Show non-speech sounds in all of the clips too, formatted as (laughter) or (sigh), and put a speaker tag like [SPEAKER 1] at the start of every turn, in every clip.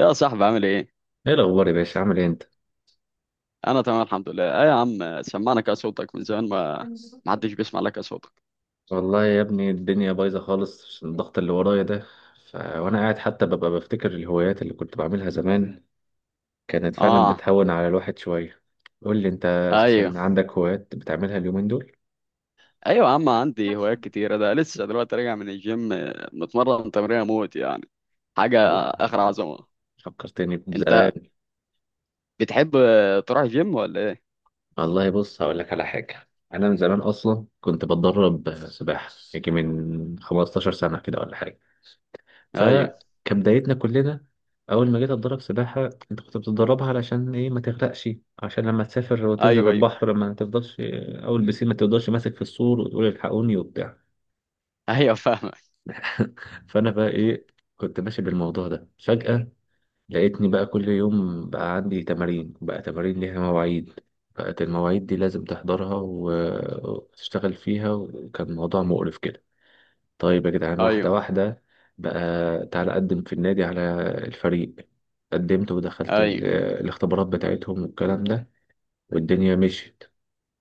[SPEAKER 1] يا صاحبي عامل ايه؟
[SPEAKER 2] ايه الاخبار يا باشا، عامل ايه انت؟
[SPEAKER 1] انا تمام الحمد لله. ايه يا عم سمعنا كده صوتك من زمان ما حدش بيسمع لك يا صوتك.
[SPEAKER 2] والله يا ابني، الدنيا بايظه خالص عشان الضغط اللي ورايا ده. وانا قاعد حتى ببقى بفتكر الهوايات اللي كنت بعملها زمان، كانت فعلا
[SPEAKER 1] اه.
[SPEAKER 2] بتهون على الواحد شويه. قول لي انت،
[SPEAKER 1] ايوه
[SPEAKER 2] اساسا عندك هوايات بتعملها اليومين دول؟
[SPEAKER 1] ايوه. يا عم عندي هوايات كتيرة ده لسه دلوقتي راجع من الجيم، متمرن تمرين موت يعني حاجة اخر
[SPEAKER 2] والله
[SPEAKER 1] عظمة.
[SPEAKER 2] فكرتني
[SPEAKER 1] انت
[SPEAKER 2] بزمان.
[SPEAKER 1] بتحب تروح جيم ولا ايه؟
[SPEAKER 2] والله بص، هقول لك على حاجه. انا من زمان اصلا كنت بتدرب سباحه، يجي من 15 سنه كده ولا حاجه.
[SPEAKER 1] ايوه
[SPEAKER 2] فكبدايتنا كلنا أول ما جيت أتدرب سباحة، أنت كنت بتتدربها علشان إيه؟ ما تغرقش، عشان لما تسافر وتنزل
[SPEAKER 1] ايوه ايوه.
[SPEAKER 2] البحر ما تفضلش أول بسين ما تفضلش ماسك في السور وتقول الحقوني وبتاع.
[SPEAKER 1] (laughs) ايوه فاهمك.
[SPEAKER 2] (laughs) فأنا بقى إيه، كنت ماشي بالموضوع ده، فجأة لقيتني بقى كل يوم بقى عندي تمارين، بقى تمارين ليها مواعيد، بقت المواعيد دي لازم تحضرها و- وتشتغل فيها، وكان موضوع مقرف كده. طيب يا جدعان، واحدة
[SPEAKER 1] ايوه
[SPEAKER 2] واحدة بقى، تعالى أقدم في النادي على الفريق. قدمت ودخلت
[SPEAKER 1] ايوه
[SPEAKER 2] الاختبارات بتاعتهم والكلام ده، والدنيا مشيت.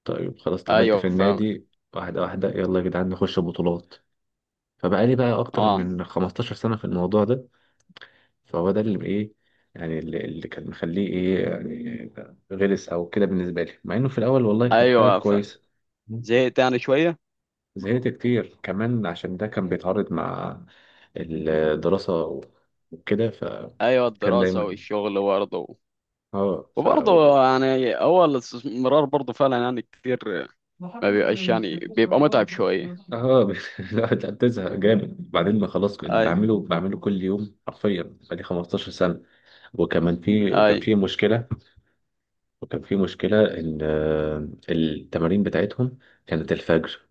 [SPEAKER 2] طيب خلاص اتقبلت في
[SPEAKER 1] ايوه فاهمك.
[SPEAKER 2] النادي، واحدة واحدة، يلا يا جدعان نخش بطولات. فبقالي بقى أكتر
[SPEAKER 1] اه
[SPEAKER 2] من 15 سنة في الموضوع ده. فهو ده اللي إيه، يعني اللي كان مخليه إيه، يعني غلس أو كده بالنسبة لي، مع إنه في الأول والله كان حاجة
[SPEAKER 1] ايوه فاهم.
[SPEAKER 2] كويسة.
[SPEAKER 1] زهقت يعني شوية.
[SPEAKER 2] زهقت كتير كمان عشان ده كان بيتعارض مع الدراسة وكده،
[SPEAKER 1] ايوه،
[SPEAKER 2] فكان
[SPEAKER 1] الدراسة
[SPEAKER 2] دايما.
[SPEAKER 1] والشغل برضه.
[SPEAKER 2] اه ف اه
[SPEAKER 1] وبرضه يعني هو الاستثمار برضه فعلا يعني كتير، ما بيبقاش يعني بيبقى متعب شوية.
[SPEAKER 2] ب- (laughs) لا لا، بتزهق جامد بعدين، ما خلاص، اللي
[SPEAKER 1] اي
[SPEAKER 2] بعمله بعمله كل يوم حرفيا، بقالي 15 سنة. وكمان في
[SPEAKER 1] اي
[SPEAKER 2] وكان في مشكلة ان التمارين بتاعتهم كانت الفجر.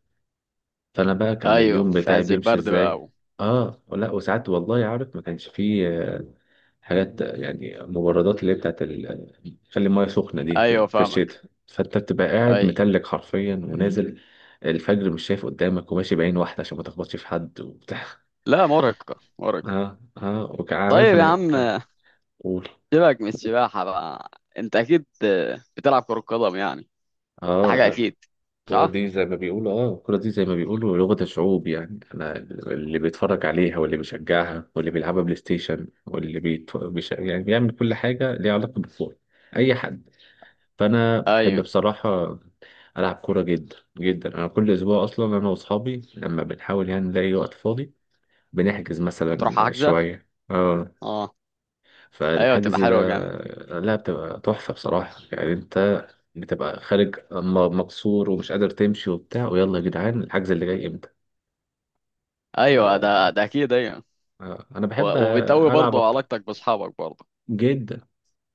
[SPEAKER 2] فانا بقى كان
[SPEAKER 1] ايوه،
[SPEAKER 2] اليوم
[SPEAKER 1] في
[SPEAKER 2] بتاعي
[SPEAKER 1] عز
[SPEAKER 2] بيمشي
[SPEAKER 1] البرد بقى
[SPEAKER 2] ازاي؟ اه لا، وساعات والله عارف ما كانش فيه حاجات، يعني مبردات، اللي هي بتاعت خلي المايه سخنه دي، في
[SPEAKER 1] ايوه
[SPEAKER 2] في
[SPEAKER 1] فاهمك.
[SPEAKER 2] الشتاء فانت بتبقى قاعد
[SPEAKER 1] اي.
[SPEAKER 2] متلج حرفيا، ونازل الفجر مش شايف قدامك وماشي بعين واحده عشان ما تخبطش في حد وبتاع. (laughs)
[SPEAKER 1] لا، مرهقة مرهقة.
[SPEAKER 2] اه اه، وعارف
[SPEAKER 1] طيب يا
[SPEAKER 2] انا،
[SPEAKER 1] عم
[SPEAKER 2] قول.
[SPEAKER 1] سيبك من السباحة بقى. انت اكيد بتلعب كرة قدم يعني، ده حاجة
[SPEAKER 2] اه
[SPEAKER 1] اكيد. صح.
[SPEAKER 2] الكورة دي زي ما بيقولوا لغة الشعوب، يعني أنا اللي بيتفرج عليها واللي بيشجعها واللي بيلعبها بلاي ستيشن، يعني بيعمل كل حاجة ليها علاقة بالكورة، أي حد. فأنا بحب
[SPEAKER 1] ايوه
[SPEAKER 2] بصراحة ألعب كورة جدا جدا، أنا كل أسبوع أصلا أنا وأصحابي لما بنحاول يعني نلاقي وقت فاضي بنحجز
[SPEAKER 1] بتروح
[SPEAKER 2] مثلا
[SPEAKER 1] حجزة.
[SPEAKER 2] شوية. اه
[SPEAKER 1] اه. ايوه تبقى
[SPEAKER 2] فالحجز
[SPEAKER 1] حلوة
[SPEAKER 2] ده،
[SPEAKER 1] جامد.
[SPEAKER 2] لا بتبقى تحفة بصراحة، يعني انت بتبقى خارج مكسور ومش قادر تمشي وبتاع، ويلا يا جدعان الحجز اللي جاي امتى.
[SPEAKER 1] ايوه، ده اكيد، ايوه.
[SPEAKER 2] انا بحب
[SPEAKER 1] و- وبتقوي
[SPEAKER 2] العب
[SPEAKER 1] برضه
[SPEAKER 2] اكتر
[SPEAKER 1] علاقتك باصحابك برضه.
[SPEAKER 2] جدا،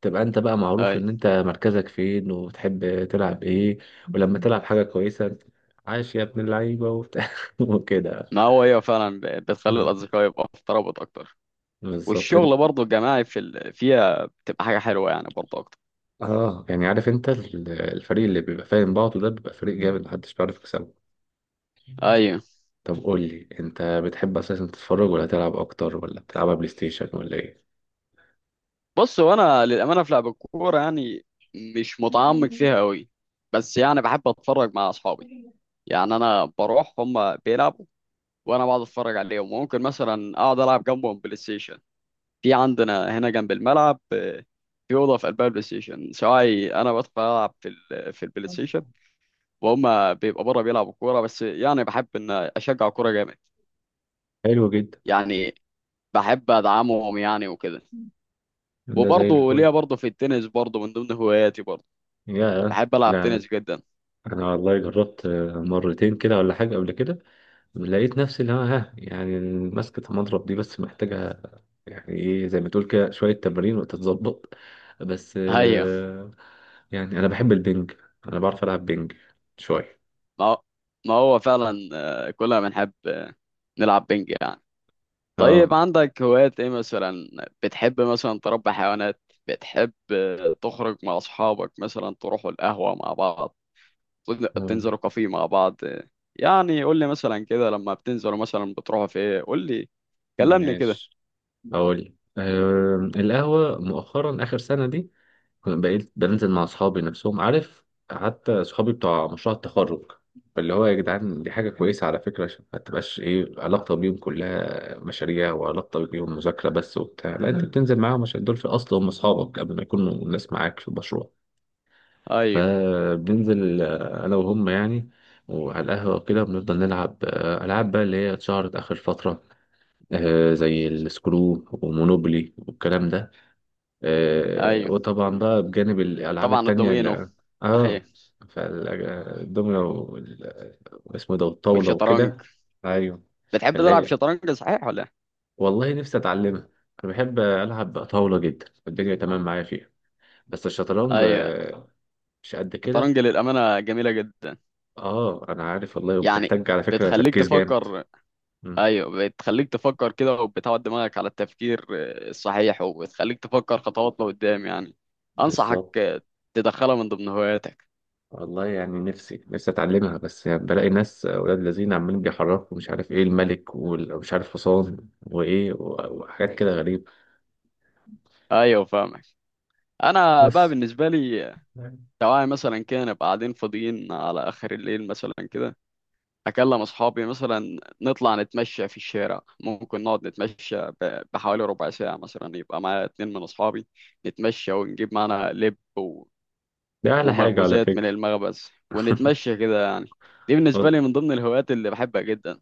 [SPEAKER 2] تبقى انت بقى معروف
[SPEAKER 1] اي.
[SPEAKER 2] ان انت مركزك فين وبتحب تلعب ايه، ولما تلعب حاجة كويسة، عاش يا ابن اللعيبة وبتاع (laughs) وكده.
[SPEAKER 1] ما هو هي فعلا بتخلي
[SPEAKER 2] آه،
[SPEAKER 1] الأصدقاء يبقى في ترابط أكتر.
[SPEAKER 2] بالظبط انت.
[SPEAKER 1] والشغل برضه الجماعي فيها بتبقى حاجة حلوة يعني برضه أكتر.
[SPEAKER 2] اه، يعني عارف انت الفريق اللي بيبقى فاهم بعضه ده بيبقى فريق جامد، محدش بيعرف يكسبه.
[SPEAKER 1] أيوة.
[SPEAKER 2] طب قول لي انت، بتحب اساسا تتفرج ولا تلعب اكتر، ولا بتلعبها بلاي ستيشن ولا ايه؟
[SPEAKER 1] بص، هو أنا للأمانة في لعب الكورة يعني مش متعمق فيها أوي. بس يعني بحب أتفرج مع أصحابي، يعني أنا بروح هما بيلعبوا، وأنا بقعد أتفرج عليهم، وممكن مثلا أقعد ألعب جنبهم بلاي ستيشن. في عندنا هنا جنب الملعب في أوضة في قلبها البلاي ستيشن، سواء أنا بدخل ألعب في البلاي ستيشن، وهم بيبقى بره بيلعبوا كوره. بس يعني بحب ان اشجع كوره جامد
[SPEAKER 2] حلو جدا.
[SPEAKER 1] يعني. بحب ادعمهم يعني وكده.
[SPEAKER 2] ده زي
[SPEAKER 1] وبرضه
[SPEAKER 2] الفل.
[SPEAKER 1] ليا برضه في التنس برضه من ضمن هواياتي برضه.
[SPEAKER 2] يا
[SPEAKER 1] بحب العب
[SPEAKER 2] لا،
[SPEAKER 1] تنس جدا.
[SPEAKER 2] انا والله جربت مرتين كده ولا حاجه قبل كده، لقيت نفسي اللي هو، يعني ماسكه المضرب دي، بس محتاجه يعني ايه، زي ما تقول كده شويه تمارين وتتظبط بس.
[SPEAKER 1] ايوه.
[SPEAKER 2] يعني انا بحب البنج، انا بعرف العب بنج شويه.
[SPEAKER 1] ما هو ما هو فعلا. كلنا بنحب نلعب بينج يعني.
[SPEAKER 2] اه
[SPEAKER 1] طيب عندك هوايات ايه مثلا؟ بتحب مثلا تربي حيوانات؟ بتحب تخرج مع اصحابك مثلا تروحوا القهوه مع بعض؟
[SPEAKER 2] آه،
[SPEAKER 1] بتنزلوا كافيه مع بعض؟ يعني قول لي مثلا كده، لما بتنزلوا مثلا بتروحوا في ايه؟ قول لي، كلمني كده.
[SPEAKER 2] ماشي، اقول. القهوه مؤخرا، اخر سنه دي كنت بقيت بنزل مع اصحابي نفسهم، عارف، حتى صحابي بتوع مشروع التخرج. فاللي هو، يا جدعان، دي حاجه كويسه على فكره، عشان ما تبقاش ايه، علاقتك بيهم كلها مشاريع وعلاقتك بيهم مذاكره بس وبتاع، لا انت بتنزل معاهم عشان دول في الاصل هم اصحابك قبل ما يكونوا الناس معاك في المشروع.
[SPEAKER 1] ايوه.
[SPEAKER 2] فبننزل، انا وهم يعني، وعلى القهوه وكده بنفضل نلعب، العاب بقى اللي هي اتشهرت اخر فتره، زي السكرو ومونوبولي والكلام ده.
[SPEAKER 1] ايوه.
[SPEAKER 2] وطبعا بقى بجانب الألعاب
[SPEAKER 1] وطبعا
[SPEAKER 2] التانية
[SPEAKER 1] الدومينو.
[SPEAKER 2] اللي
[SPEAKER 1] اهي.
[SPEAKER 2] اه فالدومينو واسمه ده، والطاولة
[SPEAKER 1] والشطرنج.
[SPEAKER 2] وكده. ايوه،
[SPEAKER 1] بتحب
[SPEAKER 2] اللي
[SPEAKER 1] تلعب
[SPEAKER 2] هي
[SPEAKER 1] شطرنج صحيح ولا إيه؟
[SPEAKER 2] والله نفسي اتعلمها. انا بحب العب طاولة جدا، والدنيا تمام معايا فيها، بس الشطرنج،
[SPEAKER 1] ايوه.
[SPEAKER 2] مش قد كده.
[SPEAKER 1] الشطرنج للامانه جميله جدا،
[SPEAKER 2] اه، انا عارف والله،
[SPEAKER 1] يعني
[SPEAKER 2] وبتحتاج على فكرة
[SPEAKER 1] بتخليك
[SPEAKER 2] تركيز جامد.
[SPEAKER 1] تفكر.
[SPEAKER 2] مم،
[SPEAKER 1] ايوه، بتخليك تفكر كده، وبتعود دماغك على التفكير الصحيح، وبتخليك تفكر خطوات لقدام يعني. انصحك
[SPEAKER 2] بالظبط.
[SPEAKER 1] تدخلها من ضمن هواياتك.
[SPEAKER 2] والله يعني نفسي نفسي اتعلمها، بس يعني بلاقي ناس اولاد لذين عمالين بيحركوا، مش عارف ايه الملك ومش عارف حصان وايه، و- وحاجات كده غريبة.
[SPEAKER 1] ايوه فاهمك. انا بقى
[SPEAKER 2] بس
[SPEAKER 1] بالنسبه لي، تعالى مثلا كده نبقى قاعدين فاضيين على آخر الليل مثلا كده، أكلم أصحابي مثلا نطلع نتمشى في الشارع، ممكن نقعد نتمشى بحوالي ربع ساعة، مثلا يبقى معايا اتنين من أصحابي نتمشى، ونجيب معانا لب
[SPEAKER 2] ده اعلى حاجة على
[SPEAKER 1] ومخبوزات من
[SPEAKER 2] فكرة.
[SPEAKER 1] المخبز
[SPEAKER 2] (laughs)
[SPEAKER 1] ونتمشى كده يعني. دي بالنسبة
[SPEAKER 2] والله
[SPEAKER 1] لي من ضمن الهوايات اللي بحبها جدا.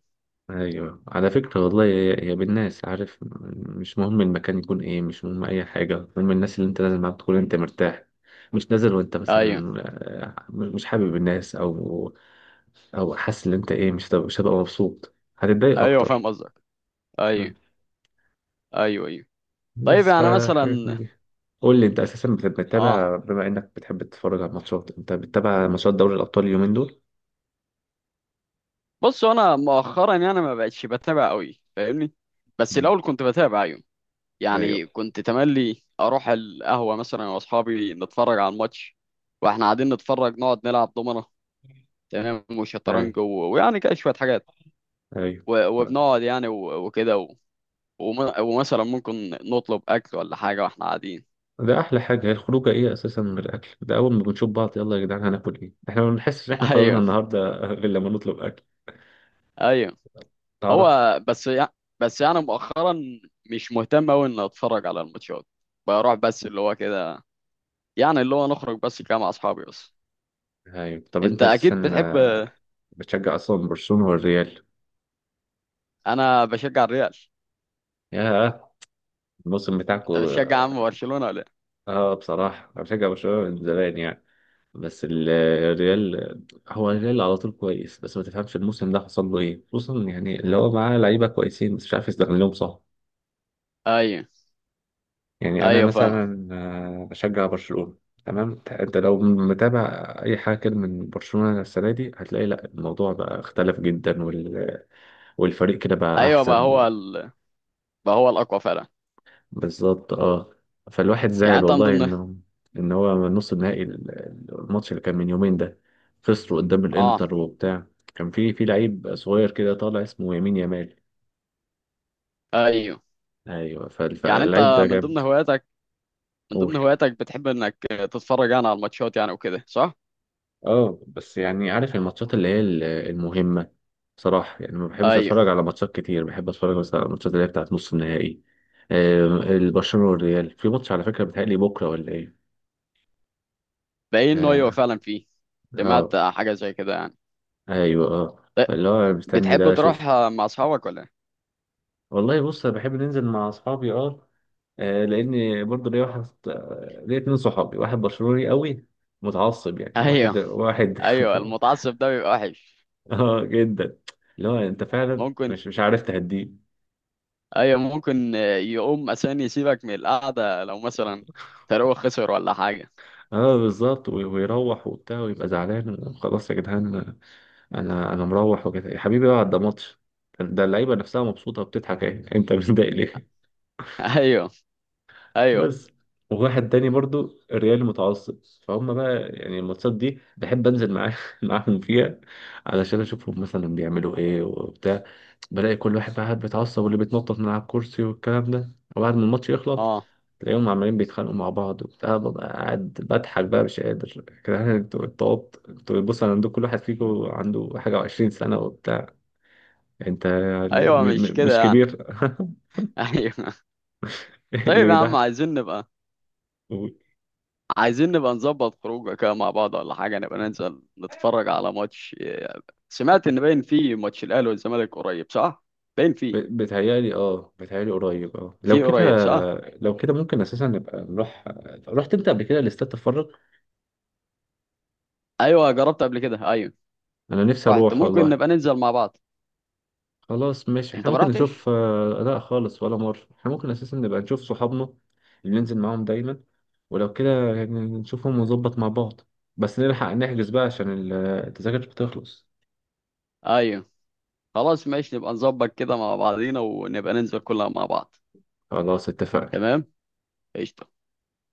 [SPEAKER 2] ايوه، على فكرة والله، هي هي بالناس، عارف. مش مهم المكان يكون ايه، مش مهم اي حاجة، المهم الناس اللي انت نازل معاها تكون انت مرتاح. مش نازل وانت
[SPEAKER 1] أيوه.
[SPEAKER 2] مثلا مش حابب الناس، او حاسس ان انت ايه، مش هتبقى مبسوط، هتتضايق
[SPEAKER 1] أيوه
[SPEAKER 2] اكتر.
[SPEAKER 1] فاهم قصدك. أيوه أيوه أيوه. طيب
[SPEAKER 2] بس،
[SPEAKER 1] يعني
[SPEAKER 2] فحاجات
[SPEAKER 1] مثلا
[SPEAKER 2] من دي. قول لي انت، اساسا بت-
[SPEAKER 1] آه
[SPEAKER 2] بتتابع بما انك بتحب تتفرج على الماتشات، انت بتتابع ماتشات دوري الابطال اليومين دول؟
[SPEAKER 1] بص، أنا مؤخرا يعني ما بقتش بتابع قوي، فاهمني؟ بس
[SPEAKER 2] مم.
[SPEAKER 1] الأول كنت بتابع، أيوه،
[SPEAKER 2] ايوه،
[SPEAKER 1] يعني كنت تملي اروح القهوه مثلا أنا واصحابي نتفرج على الماتش، واحنا قاعدين نتفرج نقعد نلعب دومنه، تمام،
[SPEAKER 2] ايوه،
[SPEAKER 1] وشطرنج ويعني كده شويه حاجات،
[SPEAKER 2] ايوه.
[SPEAKER 1] و...
[SPEAKER 2] آه.
[SPEAKER 1] وبنقعد يعني و... وكده وم... ومثلا ممكن نطلب اكل ولا حاجه واحنا قاعدين.
[SPEAKER 2] ده احلى حاجه، هي الخروجه ايه اساسا من الاكل ده، اول ما بنشوف بعض، يلا يا جدعان هناكل ايه؟ احنا ما بنحسش ان احنا
[SPEAKER 1] (laughs)
[SPEAKER 2] خرجنا
[SPEAKER 1] ايوه.
[SPEAKER 2] النهارده (laughs) غير لما نطلب اكل،
[SPEAKER 1] ايوه.
[SPEAKER 2] تعرف.
[SPEAKER 1] هو بس يعني، بس يعني مؤخرا مش مهتم قوي اني اتفرج على الماتشات. بروح بس اللي هو كده، يعني اللي هو نخرج بس كده مع اصحابي بس.
[SPEAKER 2] ايوه، طب
[SPEAKER 1] انت
[SPEAKER 2] انت
[SPEAKER 1] اكيد
[SPEAKER 2] اساسا
[SPEAKER 1] بتحب.
[SPEAKER 2] بتشجع اصلا برشلونه والريال؟
[SPEAKER 1] انا بشجع الريال.
[SPEAKER 2] ياه، الموسم
[SPEAKER 1] انت
[SPEAKER 2] بتاعكو.
[SPEAKER 1] بتشجع عم برشلونه ولا إيه؟
[SPEAKER 2] اه، بصراحه انا بشجع برشلونه من زمان يعني، بس الريال هو الريال على طول كويس، بس ما تفهمش الموسم ده حصل له ايه، خصوصا يعني اللي هو معاه لعيبه كويسين بس مش عارف يستغلهم صح.
[SPEAKER 1] ايوه.
[SPEAKER 2] يعني انا
[SPEAKER 1] ايوه فاهمك.
[SPEAKER 2] مثلا بشجع برشلونه. تمام، انت لو متابع اي حاجه كده من برشلونه السنه دي، هتلاقي لا الموضوع بقى اختلف جدا، والفريق كده بقى
[SPEAKER 1] ايوه بقى
[SPEAKER 2] احسن.
[SPEAKER 1] بقى هو الاقوى فعلا.
[SPEAKER 2] بالظبط، اه. فالواحد
[SPEAKER 1] يعني
[SPEAKER 2] زعل
[SPEAKER 1] انت من
[SPEAKER 2] والله
[SPEAKER 1] ضمن.
[SPEAKER 2] ان هو، من نص النهائي، الماتش اللي كان من يومين ده خسروا قدام
[SPEAKER 1] اه
[SPEAKER 2] الانتر وبتاع. كان في لعيب صغير كده طالع، اسمه يمين يامال.
[SPEAKER 1] ايوه.
[SPEAKER 2] ايوه، فال-
[SPEAKER 1] يعني انت
[SPEAKER 2] فاللعيب ده
[SPEAKER 1] من ضمن
[SPEAKER 2] جامد.
[SPEAKER 1] هواياتك من
[SPEAKER 2] قول.
[SPEAKER 1] ضمن هواياتك بتحب انك تتفرج يعني على الماتشات يعني وكده صح؟
[SPEAKER 2] اه بس يعني عارف، الماتشات اللي هي المهمة. بصراحة يعني ما بحبش
[SPEAKER 1] ايوه
[SPEAKER 2] اتفرج على ماتشات كتير، بحب اتفرج بس على الماتشات اللي هي بتاعت نص النهائي. البرشلونة والريال في ماتش على فكرة، بيتهيألي بكرة ولا ايه؟
[SPEAKER 1] باين انه ايوه
[SPEAKER 2] اه.
[SPEAKER 1] فعلا فيه. سمعت
[SPEAKER 2] آه.
[SPEAKER 1] حاجه زي كده يعني.
[SPEAKER 2] ايوه، اه.
[SPEAKER 1] ب-
[SPEAKER 2] فاللي هو مستني
[SPEAKER 1] بتحب
[SPEAKER 2] ده
[SPEAKER 1] تروح
[SPEAKER 2] اشوفه.
[SPEAKER 1] مع اصحابك ولا (laughs) إيه؟
[SPEAKER 2] والله بص، انا بحب ننزل مع اصحابي، اه. لان برضه ليا واحد، ليا اتنين صحابي، واحد برشلوني قوي متعصب، يعني واحد
[SPEAKER 1] ايوه.
[SPEAKER 2] واحد.
[SPEAKER 1] ايوه المتعصب ده بيبقى وحش.
[SPEAKER 2] (laughs) اه جدا، اللي هو انت فعلا
[SPEAKER 1] ممكن.
[SPEAKER 2] مش عارف تهديه.
[SPEAKER 1] ايوه ممكن يقوم عشان يسيبك من القعده لو مثلا فريقه خسر ولا حاجه.
[SPEAKER 2] اه بالظبط، ويروح وبتاع ويبقى زعلان، خلاص يا جدعان انا مروح وكده، يا حبيبي اقعد ده ماتش، ده اللعيبه نفسها مبسوطه وبتضحك، اهي، انت متضايق ليه.
[SPEAKER 1] (laughs) ايوه ايوه.
[SPEAKER 2] بس. وواحد تاني برضو الريال متعصب، فهم بقى يعني الماتشات دي بحب انزل معاه (laughs) معاهم فيها، علشان اشوفهم مثلا بيعملوا ايه وبتاع. بلاقي كل واحد بقى قاعد بيتعصب، واللي بيتنطط من على الكرسي والكلام ده، وبعد ما الماتش يخلص
[SPEAKER 1] اه
[SPEAKER 2] تلاقيهم عمالين بيتخانقوا مع بعض وبتاع، ببقى قاعد بضحك بقى مش قادر (laughs) كده، يعني انتوا اتطوبت، انتوا بص انا عندكم كل واحد فيكم عنده حاجة وعشرين سنة وبتاع، انت يعني
[SPEAKER 1] ايوه مش
[SPEAKER 2] مش
[SPEAKER 1] كده يعني.
[SPEAKER 2] كبير.
[SPEAKER 1] ايوه.
[SPEAKER 2] (laughs) اللي
[SPEAKER 1] طيب يا عم
[SPEAKER 2] بيضحك.
[SPEAKER 1] عايزين نبقى، عايزين نبقى نظبط خروجه كده مع بعض ولا حاجه، نبقى ننزل نتفرج على ماتش. سمعت ان باين فيه ماتش الاهلي والزمالك قريب صح؟ باين فيه
[SPEAKER 2] بتهيألي، اه، بتهيألي قريب، اه. لو
[SPEAKER 1] فيه
[SPEAKER 2] كده
[SPEAKER 1] قريب صح.
[SPEAKER 2] لو كده ممكن اساسا نبقى نروح. رحت انت قبل كده لاستاد تتفرج؟
[SPEAKER 1] ايوه جربت قبل كده، ايوه.
[SPEAKER 2] انا نفسي
[SPEAKER 1] رحت،
[SPEAKER 2] اروح
[SPEAKER 1] ممكن
[SPEAKER 2] والله.
[SPEAKER 1] نبقى ننزل مع بعض.
[SPEAKER 2] خلاص ماشي احنا
[SPEAKER 1] انت ما
[SPEAKER 2] ممكن نشوف.
[SPEAKER 1] رحتش؟
[SPEAKER 2] لا خالص ولا مرة، احنا ممكن اساسا نبقى نشوف صحابنا اللي ننزل معاهم دايما، ولو كده يعني نشوفهم ونظبط مع بعض، بس نلحق نحجز بقى عشان التذاكر بتخلص.
[SPEAKER 1] ايوه خلاص ماشي نبقى نظبط كده مع بعضينا ونبقى ننزل كلنا مع بعض.
[SPEAKER 2] خلاص اتفقنا.
[SPEAKER 1] تمام. قشطه.